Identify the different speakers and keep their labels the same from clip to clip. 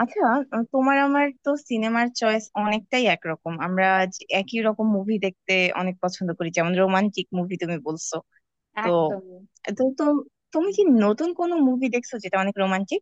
Speaker 1: আচ্ছা তোমার আমার তো সিনেমার চয়েস অনেকটাই একরকম, আমরা একই রকম মুভি দেখতে অনেক পছন্দ করি, যেমন রোমান্টিক মুভি তুমি বলছো। তো
Speaker 2: একদমই।
Speaker 1: তো তো তুমি কি নতুন কোনো মুভি দেখছো যেটা অনেক রোমান্টিক?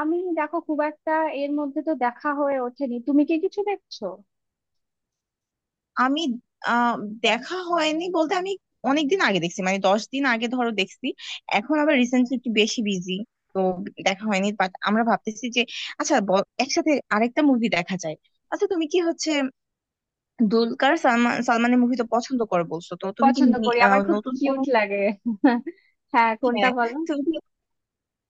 Speaker 2: আমি দেখো খুব একটা এর মধ্যে তো দেখা হয়ে ওঠেনি, তুমি কি কিছু দেখছো?
Speaker 1: আমি আহ দেখা হয়নি বলতে, আমি অনেকদিন আগে দেখছি, মানে 10 দিন আগে ধরো দেখছি। এখন আবার রিসেন্টলি একটু বেশি বিজি, তো দেখা হয়নি। বাট আমরা ভাবতেছি যে আচ্ছা, একসাথে আরেকটা মুভি দেখা যায়। আচ্ছা তুমি কি হচ্ছে, দুলকার সালমান সালমানের মুভি তো পছন্দ করে বলছো, তো তুমি কি
Speaker 2: পছন্দ করি, আমার খুব
Speaker 1: নতুন কোনো?
Speaker 2: কিউট লাগে। হ্যাঁ, কোনটা
Speaker 1: হ্যাঁ,
Speaker 2: বলো।
Speaker 1: তুমি কি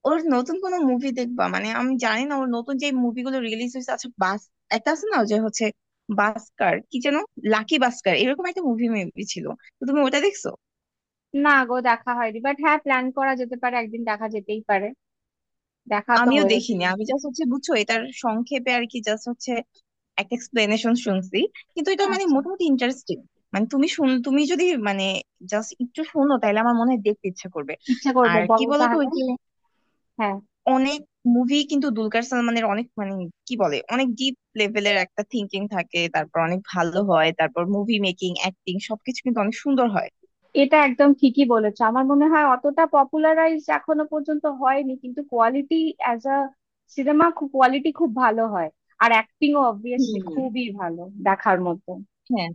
Speaker 1: ওর নতুন কোনো মুভি দেখবা? মানে আমি জানি না ওর নতুন যে মুভিগুলো রিলিজ হয়েছে, আচ্ছা একটা আছে না যে হচ্ছে বাস্কার কি যেন, লাকি বাস্কার, এরকম একটা মুভি মেবি ছিল। তো তুমি ওটা দেখছো?
Speaker 2: না গো, দেখা হয়নি, বাট হ্যাঁ প্ল্যান করা যেতে পারে, একদিন দেখা যেতেই পারে। দেখা তো
Speaker 1: আমিও
Speaker 2: হয়ে
Speaker 1: দেখিনি,
Speaker 2: ওঠেনি।
Speaker 1: আমি জাস্ট হচ্ছে বুঝছো এটার সংক্ষেপে আর কি, জাস্ট হচ্ছে একটা এক্সপ্লেনেশন শুনছি, কিন্তু এটা মানে
Speaker 2: আচ্ছা,
Speaker 1: মোটামুটি ইন্টারেস্টিং। মানে তুমি শুন, তুমি যদি মানে জাস্ট একটু শোনো, তাহলে আমার মনে হয় দেখতে ইচ্ছা করবে।
Speaker 2: ইচ্ছা করবে
Speaker 1: আর কি
Speaker 2: বলো
Speaker 1: বলতো,
Speaker 2: তাহলে।
Speaker 1: ওই যে
Speaker 2: হ্যাঁ।
Speaker 1: অনেক মুভি কিন্তু দুলকার সালমানের, অনেক মানে কি বলে, অনেক ডিপ লেভেলের একটা থিঙ্কিং থাকে, তারপর অনেক ভালো হয়, তারপর মুভি মেকিং, অ্যাক্টিং সবকিছু কিন্তু অনেক সুন্দর হয়।
Speaker 2: এটা একদম ঠিকই বলেছো, আমার মনে হয় অতটা পপুলারাইজ এখনো পর্যন্ত হয়নি, কিন্তু quality as a cinema quality খুব ভালো হয়। আর অ্যাক্টিংও অবভিয়াসলি
Speaker 1: হুম।
Speaker 2: খুবই ভালো, দেখার মতো।
Speaker 1: হ্যাঁ,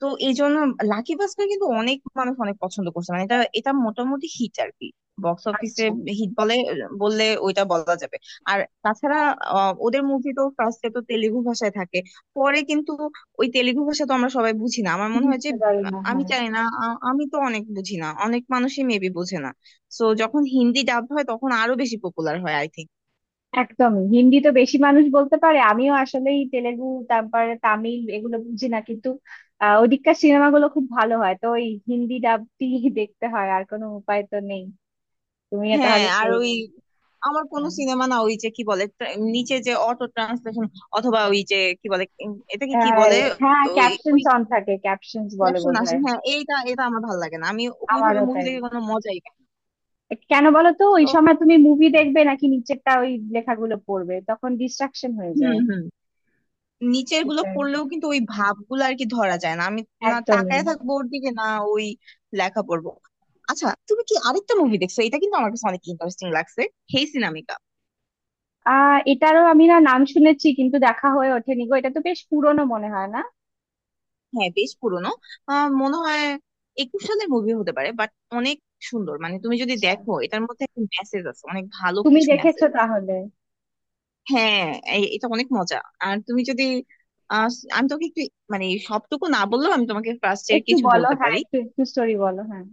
Speaker 1: তো এই জন্য লাকি ভাস্কর কিন্তু অনেক মানুষ অনেক পছন্দ করছে, মানে এটা এটা মোটামুটি হিট আর কি, বক্স অফিসে
Speaker 2: আচ্ছা।
Speaker 1: হিট বলে বললে ওইটা বলা যাবে। আর তাছাড়া ওদের মুভি তো ফার্স্টে তো তেলেগু ভাষায় থাকে, পরে কিন্তু ওই তেলেগু ভাষা তো আমরা সবাই বুঝি না, আমার মনে হয় যে
Speaker 2: বুঝতে পারি না,
Speaker 1: আমি
Speaker 2: হ্যাঁ।
Speaker 1: জানি না, আমি তো অনেক বুঝি না, অনেক মানুষই মেবি বোঝে না। সো যখন হিন্দি ডাব হয় তখন আরো বেশি পপুলার হয় আই থিঙ্ক।
Speaker 2: একদমই, হিন্দি তো বেশি মানুষ বলতে পারে। আমিও আসলেই তেলেগু তারপরে তামিল এগুলো বুঝি না, কিন্তু ওদিককার সিনেমাগুলো খুব ভালো হয়, তো ওই হিন্দি ডাব দিয়ে দেখতে হয়, আর কোনো উপায় তো নেই। তুমিও
Speaker 1: হ্যাঁ,
Speaker 2: তাহলে
Speaker 1: আর
Speaker 2: সেই
Speaker 1: ওই আমার কোন
Speaker 2: আহ,
Speaker 1: সিনেমা না, ওই যে কি বলে নিচে যে অটো ট্রান্সলেশন, অথবা ওই যে কি বলে, এটাকে কি বলে,
Speaker 2: হ্যাঁ,
Speaker 1: ওই ওই
Speaker 2: ক্যাপশনস অন থাকে, ক্যাপশনস বলে
Speaker 1: ক্যাপশন আসে,
Speaker 2: বোধহয়।
Speaker 1: হ্যাঁ এইটা, এটা আমার ভালো লাগে না, আমি ওইভাবে
Speaker 2: আমারও
Speaker 1: মুভি
Speaker 2: তাই।
Speaker 1: দেখে কোনো মজাই পাই না।
Speaker 2: কেন বলো তো, ওই
Speaker 1: তো
Speaker 2: সময় তুমি মুভি দেখবে নাকি নিচেরটা ওই লেখাগুলো পড়বে? তখন ডিস্ট্রাকশন হয়ে
Speaker 1: হুম
Speaker 2: যায়।
Speaker 1: হুম, নিচের গুলো
Speaker 2: সেটাই,
Speaker 1: পড়লেও কিন্তু ওই ভাবগুলো আর কি ধরা যায় না, আমি না
Speaker 2: একদমই।
Speaker 1: তাকায় থাকবো ওর দিকে না ওই লেখা পড়বো। আচ্ছা তুমি কি আরেকটা মুভি দেখছো, এটা কিন্তু আমার কাছে অনেক ইন্টারেস্টিং লাগছে, হেই সিনামিকা।
Speaker 2: এটারও আমি না নাম শুনেছি, কিন্তু দেখা হয়ে ওঠেনি গো। এটা তো বেশ পুরনো, মনে হয় না?
Speaker 1: হ্যাঁ বেশ পুরনো, আহ মনে হয় একুশ সালের মুভি হতে পারে, বাট অনেক সুন্দর, মানে তুমি যদি
Speaker 2: আচ্ছা,
Speaker 1: দেখো এটার মধ্যে একটা মেসেজ আছে, অনেক ভালো
Speaker 2: তুমি
Speaker 1: কিছু
Speaker 2: দেখেছো
Speaker 1: মেসেজ আছে।
Speaker 2: তাহলে?
Speaker 1: হ্যাঁ এটা অনেক মজা। আর তুমি যদি আহ, আমি তোকে একটু, মানে সবটুকু না বললেও আমি তোমাকে ফার্স্ট এর
Speaker 2: একটু
Speaker 1: কিছু
Speaker 2: বলো,
Speaker 1: বলতে
Speaker 2: হ্যাঁ
Speaker 1: পারি।
Speaker 2: একটু একটু স্টোরি বলো, হ্যাঁ।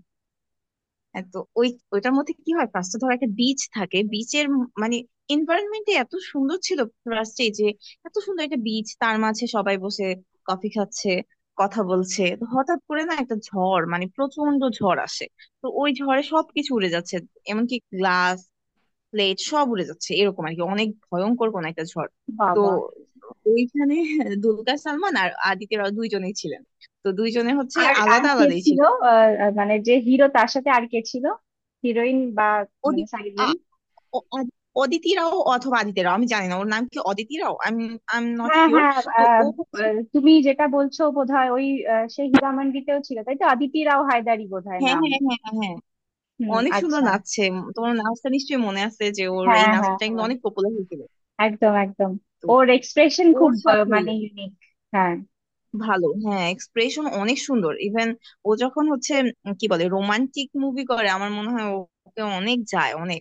Speaker 1: হ্যাঁ, তো ওই ওইটার মধ্যে কি হয়, ফার্স্টে ধরো একটা বিচ থাকে, বিচের মানে এনভায়রনমেন্টে এত সুন্দর ছিল, ফার্স্টে যে এত সুন্দর একটা বিচ, তার মাঝে সবাই বসে কফি খাচ্ছে, কথা বলছে, তো হঠাৎ করে না একটা ঝড়, মানে প্রচন্ড ঝড় আসে। তো ওই ঝড়ে সবকিছু উড়ে যাচ্ছে, এমনকি গ্লাস, প্লেট সব উড়ে যাচ্ছে, এরকম আর কি, অনেক ভয়ঙ্কর কোন একটা ঝড়। তো
Speaker 2: বাবা।
Speaker 1: ওইখানে দুলকার সালমান আর আদিত্য রাও দুইজনেই ছিলেন, তো দুইজনে হচ্ছে
Speaker 2: আর আর
Speaker 1: আলাদা
Speaker 2: কে
Speaker 1: আলাদাই
Speaker 2: ছিল?
Speaker 1: ছিল।
Speaker 2: আহ, আহ, মানে যে হিরো, তার সাথে আর কে ছিল? হিরোইন বা মানে সাইডজন।
Speaker 1: অ- অ- অদিতি রাও অথবা আদিতি রাও, আমি জানি না ওর নাম কি, অদিতি রাও, আমি আই এম নট
Speaker 2: হ্যাঁ
Speaker 1: শিওর।
Speaker 2: হ্যাঁ।
Speaker 1: তো ও
Speaker 2: আহ,
Speaker 1: হচ্ছে,
Speaker 2: আহ, তুমি যেটা বলছো বোধহয় ওই সেই হীরামান্ডিতেও ছিল তাই তো? অদিতি রাও হায়দারি বোধহয়
Speaker 1: হ্যাঁ
Speaker 2: নাম।
Speaker 1: হ্যাঁ হ্যাঁ হ্যাঁ হ্যাঁ,
Speaker 2: হুম,
Speaker 1: অনেক সুন্দর
Speaker 2: আচ্ছা।
Speaker 1: নাচছে। তোমার নাচটা নিশ্চয়ই মনে আছে যে ওর এই
Speaker 2: হ্যাঁ হ্যাঁ
Speaker 1: নাচটা কিন্তু
Speaker 2: হ্যাঁ,
Speaker 1: অনেক পপুলার হয়েছিল।
Speaker 2: একদম একদম।
Speaker 1: তো
Speaker 2: ওর এক্সপ্রেশন
Speaker 1: ওর
Speaker 2: খুব
Speaker 1: সাথে
Speaker 2: মানে ইউনিক। হ্যাঁ।
Speaker 1: ভালো, হ্যাঁ, এক্সপ্রেশন অনেক সুন্দর, ইভেন ও যখন হচ্ছে কি বলে রোমান্টিক মুভি করে, আমার মনে হয় ওকে অনেক যায় অনেক।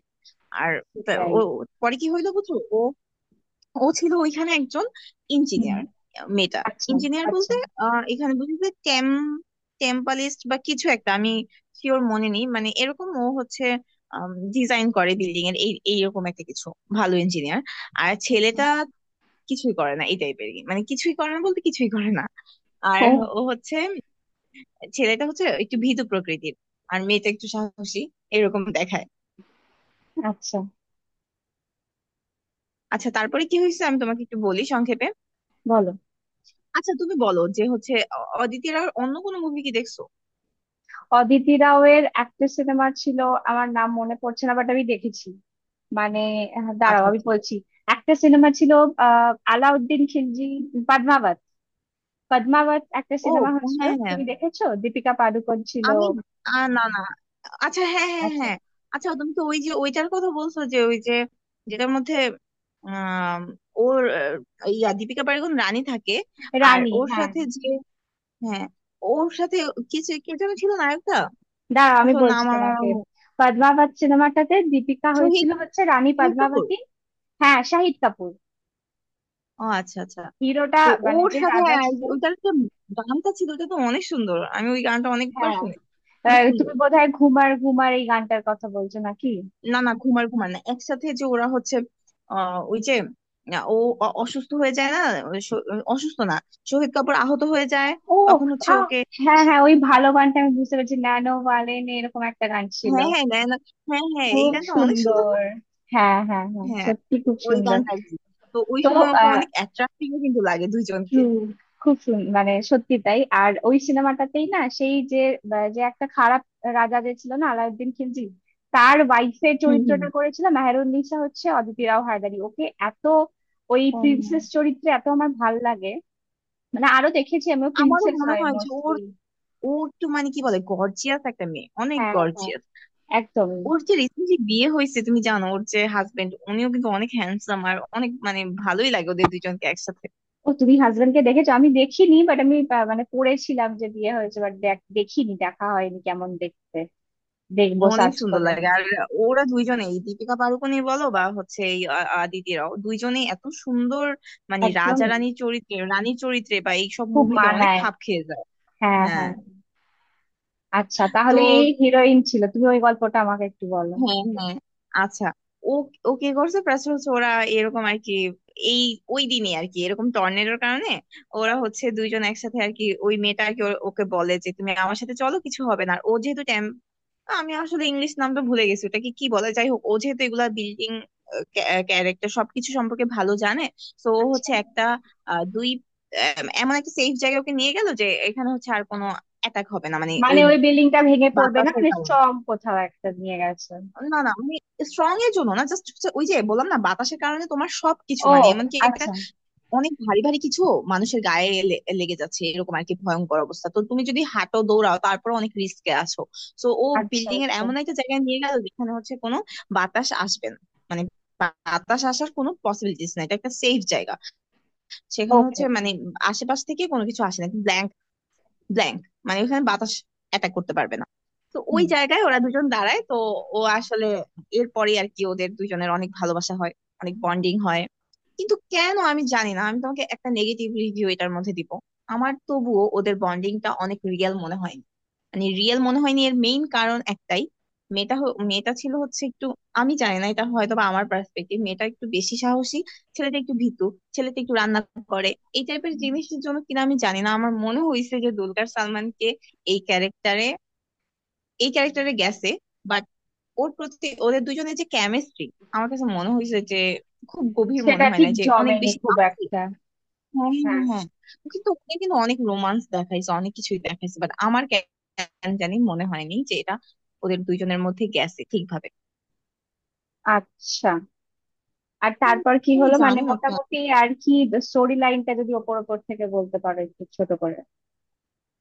Speaker 1: আর
Speaker 2: সেটাই।
Speaker 1: ও পরে কি হইলো বুঝছো, ও ও ছিল ওইখানে একজন
Speaker 2: হুম
Speaker 1: ইঞ্জিনিয়ার, মেয়েটা
Speaker 2: আচ্ছা।
Speaker 1: ইঞ্জিনিয়ার
Speaker 2: আচ্ছা।
Speaker 1: বলতে এখানে বুঝি যে টেম, টেম্পালিস্ট বা কিছু একটা আমি শিওর মনে নেই, মানে এরকম ও হচ্ছে ডিজাইন করে বিল্ডিং এর, এই এইরকম একটা কিছু ভালো ইঞ্জিনিয়ার। আর
Speaker 2: আচ্ছা।
Speaker 1: ছেলেটা কিছুই করে না এই টাইপের, মানে কিছুই করে না বলতে কিছুই করে না। আর
Speaker 2: ও।
Speaker 1: ও হচ্ছে, ছেলেটা হচ্ছে একটু ভীতু প্রকৃতির, আর মেয়েটা একটু সাহসী, এরকম দেখায়।
Speaker 2: আচ্ছা,
Speaker 1: আচ্ছা তারপরে কি হয়েছে আমি তোমাকে একটু বলি সংক্ষেপে।
Speaker 2: বলো।
Speaker 1: আচ্ছা তুমি বলো যে হচ্ছে, অদিতির আর অন্য কোনো মুভি কি দেখছো?
Speaker 2: অদিতি রাও এর একটা সিনেমা ছিল, আমার নাম মনে পড়ছে না, বাট আমি দেখেছি। মানে দাঁড়াও
Speaker 1: আচ্ছা
Speaker 2: আমি
Speaker 1: আচ্ছা।
Speaker 2: বলছি। একটা সিনেমা ছিল, আলাউদ্দিন খিলজি, পদ্মাবত। পদ্মাবত একটা
Speaker 1: ও
Speaker 2: সিনেমা হয়েছিল,
Speaker 1: হ্যাঁ হ্যাঁ,
Speaker 2: তুমি দেখেছো? দীপিকা পাডুকোন ছিল।
Speaker 1: আমি না না, আচ্ছা হ্যাঁ হ্যাঁ হ্যাঁ
Speaker 2: আচ্ছা।
Speaker 1: হ্যাঁ। আচ্ছা তুমি তো ওই যে ওইটার কথা বলছো, যে ওই যে যেটার মধ্যে আম, ওর ইয়া দীপিকা পাড়ুকোন রানী থাকে। আর
Speaker 2: রানী,
Speaker 1: ওর
Speaker 2: হ্যাঁ।
Speaker 1: সাথে যে, হ্যাঁ, ওর সাথে কিছু কে যেন ছিল নায়কটা।
Speaker 2: দাঁড়াও আমি
Speaker 1: আচ্ছা ওর নাম
Speaker 2: বলছি
Speaker 1: আমার আমার
Speaker 2: তোমাকে,
Speaker 1: মনে-
Speaker 2: পদ্মাবত সিনেমাটাতে দীপিকা
Speaker 1: শহীদ,
Speaker 2: হয়েছিল হচ্ছে রানী
Speaker 1: শহীদ কাপুর।
Speaker 2: পদ্মাবতী। হ্যাঁ, শাহিদ কাপুর
Speaker 1: ও আচ্ছা আচ্ছা।
Speaker 2: হিরোটা,
Speaker 1: তো
Speaker 2: মানে
Speaker 1: ওর
Speaker 2: যে
Speaker 1: সাথে
Speaker 2: রাজা
Speaker 1: আর
Speaker 2: ছিল।
Speaker 1: ওইটার যে গানটা ছিল ওটা তো অনেক সুন্দর, আমি ওই গানটা অনেকবার
Speaker 2: হ্যাঁ।
Speaker 1: শুনি, অনেক
Speaker 2: তুমি
Speaker 1: সুন্দর।
Speaker 2: বোধহয় ঘুমার ঘুমার এই গানটার কথা বলছো নাকি?
Speaker 1: না না, ঘুমার ঘুমার না, একসাথে যে ওরা হচ্ছে ওই যে ও অসুস্থ হয়ে যায় না, ওই অসুস্থ না, শহীদ কাপুর আহত হয়ে যায়,
Speaker 2: ও।
Speaker 1: তখন হচ্ছে
Speaker 2: আহ,
Speaker 1: ওকে।
Speaker 2: হ্যাঁ হ্যাঁ, ওই ভালো গানটা আমি বুঝতে পেরেছি, ন্যানো ভালেন এরকম একটা গান ছিল।
Speaker 1: হ্যাঁ হ্যাঁ, না না, হ্যাঁ হ্যাঁ এই
Speaker 2: খুব
Speaker 1: গানটা অনেক সুন্দর
Speaker 2: সুন্দর।
Speaker 1: না,
Speaker 2: হ্যাঁ হ্যাঁ হ্যাঁ,
Speaker 1: হ্যাঁ
Speaker 2: সত্যি খুব
Speaker 1: ওই
Speaker 2: সুন্দর।
Speaker 1: গানটা আর কি। তো ওই
Speaker 2: তো
Speaker 1: সময় ওকে
Speaker 2: আহ
Speaker 1: অনেক অ্যাট্রাক্টিভ কিন্তু লাগে দুইজনকে।
Speaker 2: true, খুব সুন্দর, মানে সত্যি তাই। আর ওই সিনেমাটাতেই না সেই যে যে একটা খারাপ রাজা যে ছিল না, আলাউদ্দিন খিলজি, তার ওয়াইফের
Speaker 1: হুম হুম।
Speaker 2: চরিত্রটা করেছিল মেহেরুননিসা হচ্ছে অদিতি রাও হায়দারি, ওকে এত ওই
Speaker 1: ও,
Speaker 2: প্রিন্সেস চরিত্রে এত আমার ভাল লাগে। মানে আরো দেখেছি আমি,
Speaker 1: আমারও
Speaker 2: প্রিন্সেস
Speaker 1: মনে
Speaker 2: হয়
Speaker 1: হয় যে ওর,
Speaker 2: মোস্টলি।
Speaker 1: ও তো মানে কি বলে গর্জিয়াস একটা মেয়ে, অনেক
Speaker 2: হ্যাঁ হ্যাঁ,
Speaker 1: গর্জিয়াস।
Speaker 2: একদমই।
Speaker 1: ওর যে রিসেন্টলি বিয়ে হয়েছে তুমি জানো, ওর যে হাজবেন্ড উনিও কিন্তু অনেক হ্যান্ডসাম, আর অনেক মানে ভালোই লাগে ওদের দুইজনকে একসাথে।
Speaker 2: ও, তুমি হাজবেন্ডকে দেখেছো? আমি দেখিনি, বাট আমি মানে পড়েছিলাম যে বিয়ে হয়েছে, বাট দেখিনি, দেখা হয়নি। কেমন দেখতে? দেখবো
Speaker 1: অনেক
Speaker 2: সার্চ
Speaker 1: সুন্দর
Speaker 2: করে।
Speaker 1: লাগে। আর ওরা দুইজনে, এই দীপিকা পাড়ুকোনই বলো বা হচ্ছে এই আদিতিরাও, দুইজনেই এত সুন্দর, মানে রাজা
Speaker 2: একদমই,
Speaker 1: রানীর চরিত্রে, রানীর চরিত্রে বা এইসব
Speaker 2: খুব
Speaker 1: মুভিতে অনেক
Speaker 2: মানায়।
Speaker 1: খাপ খেয়ে যায়।
Speaker 2: হ্যাঁ
Speaker 1: হ্যাঁ।
Speaker 2: হ্যাঁ। আচ্ছা
Speaker 1: তো
Speaker 2: তাহলে এই হিরোইন ছিল, তুমি ওই গল্পটা আমাকে একটু বলো।
Speaker 1: হ্যাঁ হ্যাঁ, আচ্ছা। ও ও কি করছে প্লাস হচ্ছে ওরা এরকম আর কি, এই ওই দিনই আর কি এরকম টর্নেডোর কারণে ওরা হচ্ছে দুইজন একসাথে আর কি, ওই মেয়েটা আর কি ওকে বলে যে তুমি আমার সাথে চলো, কিছু হবে না। আর ও যেহেতু টেম, আমি আসলে ইংলিশ নামটা ভুলে গেছি, ওটাকে কি বলে, যাই হোক, ও যেহেতু এগুলা বিল্ডিং ক্যারেক্টার সবকিছু সম্পর্কে ভালো জানে, তো ও
Speaker 2: আচ্ছা,
Speaker 1: হচ্ছে একটা আহ, দুই এমন একটা সেফ জায়গায় ওকে নিয়ে গেল যে এখানে হচ্ছে আর কোনো অ্যাটাক হবে না, মানে
Speaker 2: মানে
Speaker 1: ওই
Speaker 2: ওই বিল্ডিংটা ভেঙে পড়বে না,
Speaker 1: বাতাসের
Speaker 2: মানে
Speaker 1: কারণে।
Speaker 2: স্ট্রং কোথাও একটা নিয়ে গেছে?
Speaker 1: না না আমি স্ট্রং এর জন্য না, জাস্ট ওই যে বললাম না, বাতাসের কারণে তোমার সবকিছু,
Speaker 2: ও
Speaker 1: মানে এমনকি একটা
Speaker 2: আচ্ছা
Speaker 1: অনেক ভারী ভারী কিছু মানুষের গায়ে লেগে যাচ্ছে এরকম আর কি, ভয়ঙ্কর অবস্থা, তো তুমি যদি হাঁটো দৌড়াও তারপর অনেক রিস্কে আছো। তো ও
Speaker 2: আচ্ছা।
Speaker 1: বিল্ডিং এর
Speaker 2: আচ্ছা।
Speaker 1: এমন একটা জায়গায় নিয়ে গেল যেখানে হচ্ছে কোনো বাতাস আসবে না, মানে বাতাস আসার কোনো পসিবিলিটিস নাই, এটা একটা সেফ জায়গা। সেখানে
Speaker 2: ওকে।
Speaker 1: হচ্ছে মানে আশেপাশ থেকে কোনো কিছু আসে না, ব্ল্যাঙ্ক, মানে ওখানে বাতাস অ্যাটাক করতে পারবে না। তো ওই
Speaker 2: হুম।
Speaker 1: জায়গায় ওরা দুজন দাঁড়ায়, তো ও আসলে এরপরে আর কি, ওদের দুজনের অনেক ভালোবাসা হয়, অনেক বন্ডিং হয়। কিন্তু কেন আমি জানি না, আমি তোমাকে একটা নেগেটিভ রিভিউ এটার মধ্যে দিব, আমার তবুও ওদের বন্ডিংটা অনেক রিয়েল মনে হয়নি। মানে রিয়েল মনে হয়নি এর মেইন কারণ একটাই, মেয়েটা মেয়েটা ছিল হচ্ছে একটু, আমি জানি না এটা হয়তো বা আমার পার্সপেক্টিভ, মেয়েটা একটু বেশি সাহসী, ছেলেটা একটু ভীতু, ছেলেটা একটু রান্না করে, এই টাইপের জিনিসের জন্য কিনা আমি জানি না। আমার মনে হয়েছে যে দুলকার সালমানকে এই এই ক্যারেক্টারে গেছে, বাট ওর প্রতি ওদের দুজনের যে কেমিস্ট্রি, আমার কাছে মনে হয়েছে যে খুব গভীর মনে
Speaker 2: সেটা
Speaker 1: হয় না,
Speaker 2: ঠিক
Speaker 1: যে অনেক
Speaker 2: জমেনি
Speaker 1: বেশি
Speaker 2: খুব
Speaker 1: পাতলা।
Speaker 2: একটা।
Speaker 1: হ্যাঁ হ্যাঁ
Speaker 2: হ্যাঁ।
Speaker 1: হ্যাঁ হ্যাঁ। ও কিন্তু ওখানে কিন্তু অনেক রোমান্স দেখাইছে, অনেক কিছুই দেখাইছে, বাট আমার কেন জানি মনে হয়নি যে এটা ওদের দুইজনের মধ্যে গেছে ঠিকভাবে।
Speaker 2: আচ্ছা, আর
Speaker 1: উম,
Speaker 2: তারপর কি
Speaker 1: আমি
Speaker 2: হলো মানে
Speaker 1: জানি না
Speaker 2: মোটামুটি আর কি, স্টোরি লাইনটা যদি ওপর ওপর থেকে বলতে পারো একটু ছোট করে।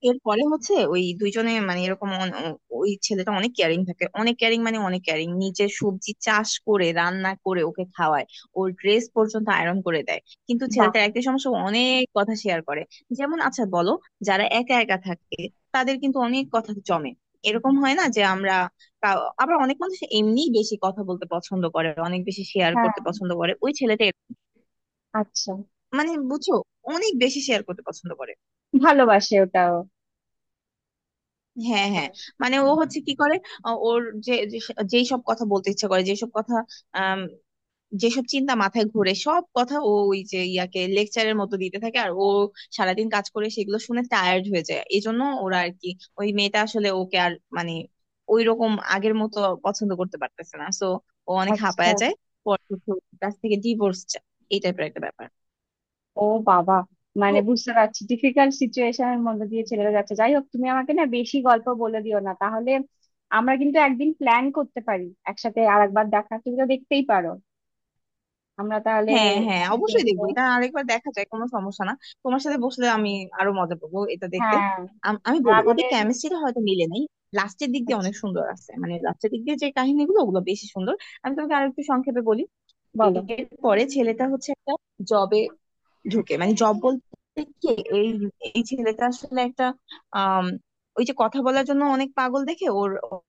Speaker 1: এরপরে হচ্ছে ওই দুইজনে মানে এরকম ওই ছেলেটা অনেক কেয়ারিং থাকে, অনেক কেয়ারিং, মানে অনেক কেয়ারিং, নিজে সবজি চাষ করে রান্না করে ওকে খাওয়ায়, ওর ড্রেস পর্যন্ত আয়রন করে দেয়। কিন্তু
Speaker 2: বাহ।
Speaker 1: ছেলেটার একটাই সমস্যা, ও অনেক কথা শেয়ার করে। যেমন আচ্ছা বলো, যারা একা একা থাকে তাদের কিন্তু অনেক কথা জমে, এরকম হয় না যে আমরা আবার অনেক মানুষ এমনি বেশি কথা বলতে পছন্দ করে, অনেক বেশি শেয়ার
Speaker 2: হ্যাঁ,
Speaker 1: করতে পছন্দ করে, ওই ছেলেটা
Speaker 2: আচ্ছা।
Speaker 1: মানে বুঝছো অনেক বেশি শেয়ার করতে পছন্দ করে।
Speaker 2: ভালোবাসে ওটাও।
Speaker 1: হ্যাঁ
Speaker 2: হ্যাঁ।
Speaker 1: হ্যাঁ। মানে ও হচ্ছে কি করে, আ, ওর যে যে- যেই সব কথা বলতে ইচ্ছে করে, যেসব কথা আম, যেসব চিন্তা মাথায় ঘুরে, সব কথা ও ওই যে ইয়াকে লেকচারের মতো দিতে থাকে, আর ও সারাদিন কাজ করে সেগুলো শুনে টায়ার্ড হয়ে যায়, এই জন্য ওরা আর কি, ওই মেয়েটা আসলে ওকে আর মানে ওই রকম আগের মতো পছন্দ করতে পারতেছে না, সো ও অনেক
Speaker 2: আচ্ছা।
Speaker 1: হাঁপায় যায়। পরে হচ্ছে ওর কাছ থেকে ডিভোর্স চায়, এই টাইপের একটা ব্যাপার।
Speaker 2: ও বাবা, মানে বুঝতে পারছি ডিফিকাল্ট সিচুয়েশনের মধ্যে দিয়ে ছেলেরা যাচ্ছে। যাই হোক, তুমি আমাকে না বেশি গল্প বলে দিও না তাহলে, আমরা কিন্তু একদিন প্ল্যান করতে পারি একসাথে আরেকবার দেখা। তুমি তো দেখতেই পারো, আমরা তাহলে
Speaker 1: হ্যাঁ হ্যাঁ, অবশ্যই
Speaker 2: দেখবো।
Speaker 1: দেখবো এটা, আরেকবার দেখা যায় কোনো সমস্যা না, তোমার সাথে বসলে আমি আরো মজা পাবো এটা দেখতে।
Speaker 2: হ্যাঁ।
Speaker 1: আমি
Speaker 2: আর
Speaker 1: বলি ওদের
Speaker 2: আমাদের
Speaker 1: কেমিস্ট্রিটা হয়তো মিলে নাই, লাস্টের দিক দিয়ে অনেক
Speaker 2: আচ্ছা
Speaker 1: সুন্দর আছে, মানে লাস্টের দিক দিয়ে যে কাহিনীগুলো ওগুলো বেশি সুন্দর। আমি তোমাকে আরেকটু সংক্ষেপে বলি।
Speaker 2: বলো।
Speaker 1: এরপরে ছেলেটা হচ্ছে একটা জবে ঢুকে, মানে জব বলতে কি, এই এই ছেলেটা আসলে একটা আম, ওই যে কথা বলার জন্য অনেক পাগল দেখে ওর,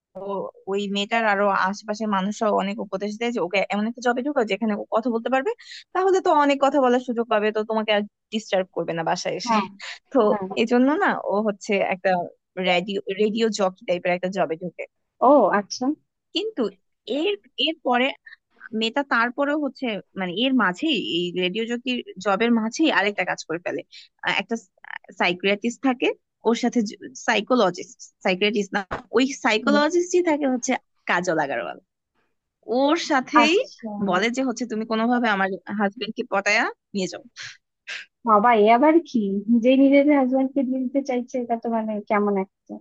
Speaker 1: ওই মেয়েটার আরো আশেপাশের মানুষরা অনেক উপদেশ দেয় যে ওকে এমন একটা জবে ঢুকাও যেখানে ও কথা বলতে পারবে, তাহলে তো অনেক কথা বলার সুযোগ পাবে, তো তোমাকে আর ডিস্টার্ব করবে না বাসায় এসে।
Speaker 2: হ্যাঁ
Speaker 1: তো
Speaker 2: হ্যাঁ।
Speaker 1: এই জন্য না ও হচ্ছে একটা রেডিও রেডিও জকি টাইপের একটা জবে ঢুকে।
Speaker 2: ও আচ্ছা।
Speaker 1: কিন্তু এর, এর পরে মেয়েটা তারপরেও হচ্ছে, মানে এর মাঝেই এই রেডিও জকির জবের মাঝেই আরেকটা কাজ করে ফেলে। একটা সাইকিয়াট্রিস্ট থাকে ওর সাথে, সাইকোলজিস্ট, সাইকিয়াট্রিস্ট না, ওই
Speaker 2: হুম।
Speaker 1: সাইকোলজিস্টই থাকে হচ্ছে কাজল আগারওয়াল, ওর সাথেই
Speaker 2: আচ্ছা।
Speaker 1: বলে যে হচ্ছে তুমি কোনোভাবে আমার হাজবেন্ডকে পটায়া নিয়ে যাও।
Speaker 2: বাবা, এ আবার কি? নিজেই নিজের হাজবেন্ডকে দিয়ে দিতে চাইছে, এটা তো মানে কেমন একটা।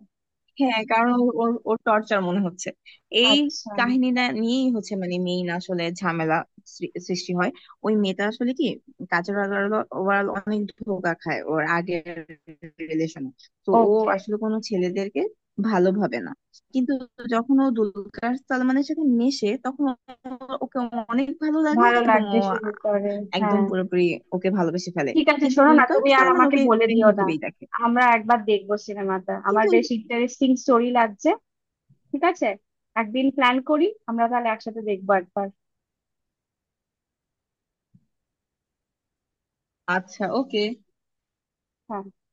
Speaker 1: হ্যাঁ, কারণ ওর ওর ওর টর্চার মনে হচ্ছে এই
Speaker 2: আচ্ছা।
Speaker 1: কাহিনীটা নিয়েই হচ্ছে, মানে মেইন আসলে ঝামেলা সৃষ্টি হয়। ওই মেয়েটা আসলে কি কাজের, ওভারঅল অনেক ধোঁকা খায় ওর আগের রিলেশনে, তো ও
Speaker 2: ওকে।
Speaker 1: আসলে কোনো ছেলেদেরকে ভালো ভাবে না। কিন্তু যখন ও দুলকার সালমানের সাথে মেশে তখন ওকে অনেক ভালো লাগে
Speaker 2: ভালো
Speaker 1: এবং
Speaker 2: লাগবে
Speaker 1: ও
Speaker 2: শুরু করে।
Speaker 1: একদম
Speaker 2: হ্যাঁ।
Speaker 1: পুরোপুরি ওকে ভালোবেসে ফেলে।
Speaker 2: ঠিক আছে,
Speaker 1: কিন্তু
Speaker 2: শোনো না
Speaker 1: দুলকার
Speaker 2: তুমি আর
Speaker 1: সালমান
Speaker 2: আমাকে
Speaker 1: ওকে
Speaker 2: বলে
Speaker 1: প্রেম
Speaker 2: দিও না,
Speaker 1: হিসেবেই দেখে,
Speaker 2: আমরা একবার দেখবো সিনেমাটা, আমার
Speaker 1: কিন্তু
Speaker 2: বেশ ইন্টারেস্টিং স্টোরি লাগছে। ঠিক আছে, একদিন প্ল্যান করি, আমরা তাহলে একসাথে দেখবো একবার।
Speaker 1: আচ্ছা ওকে
Speaker 2: হ্যাঁ।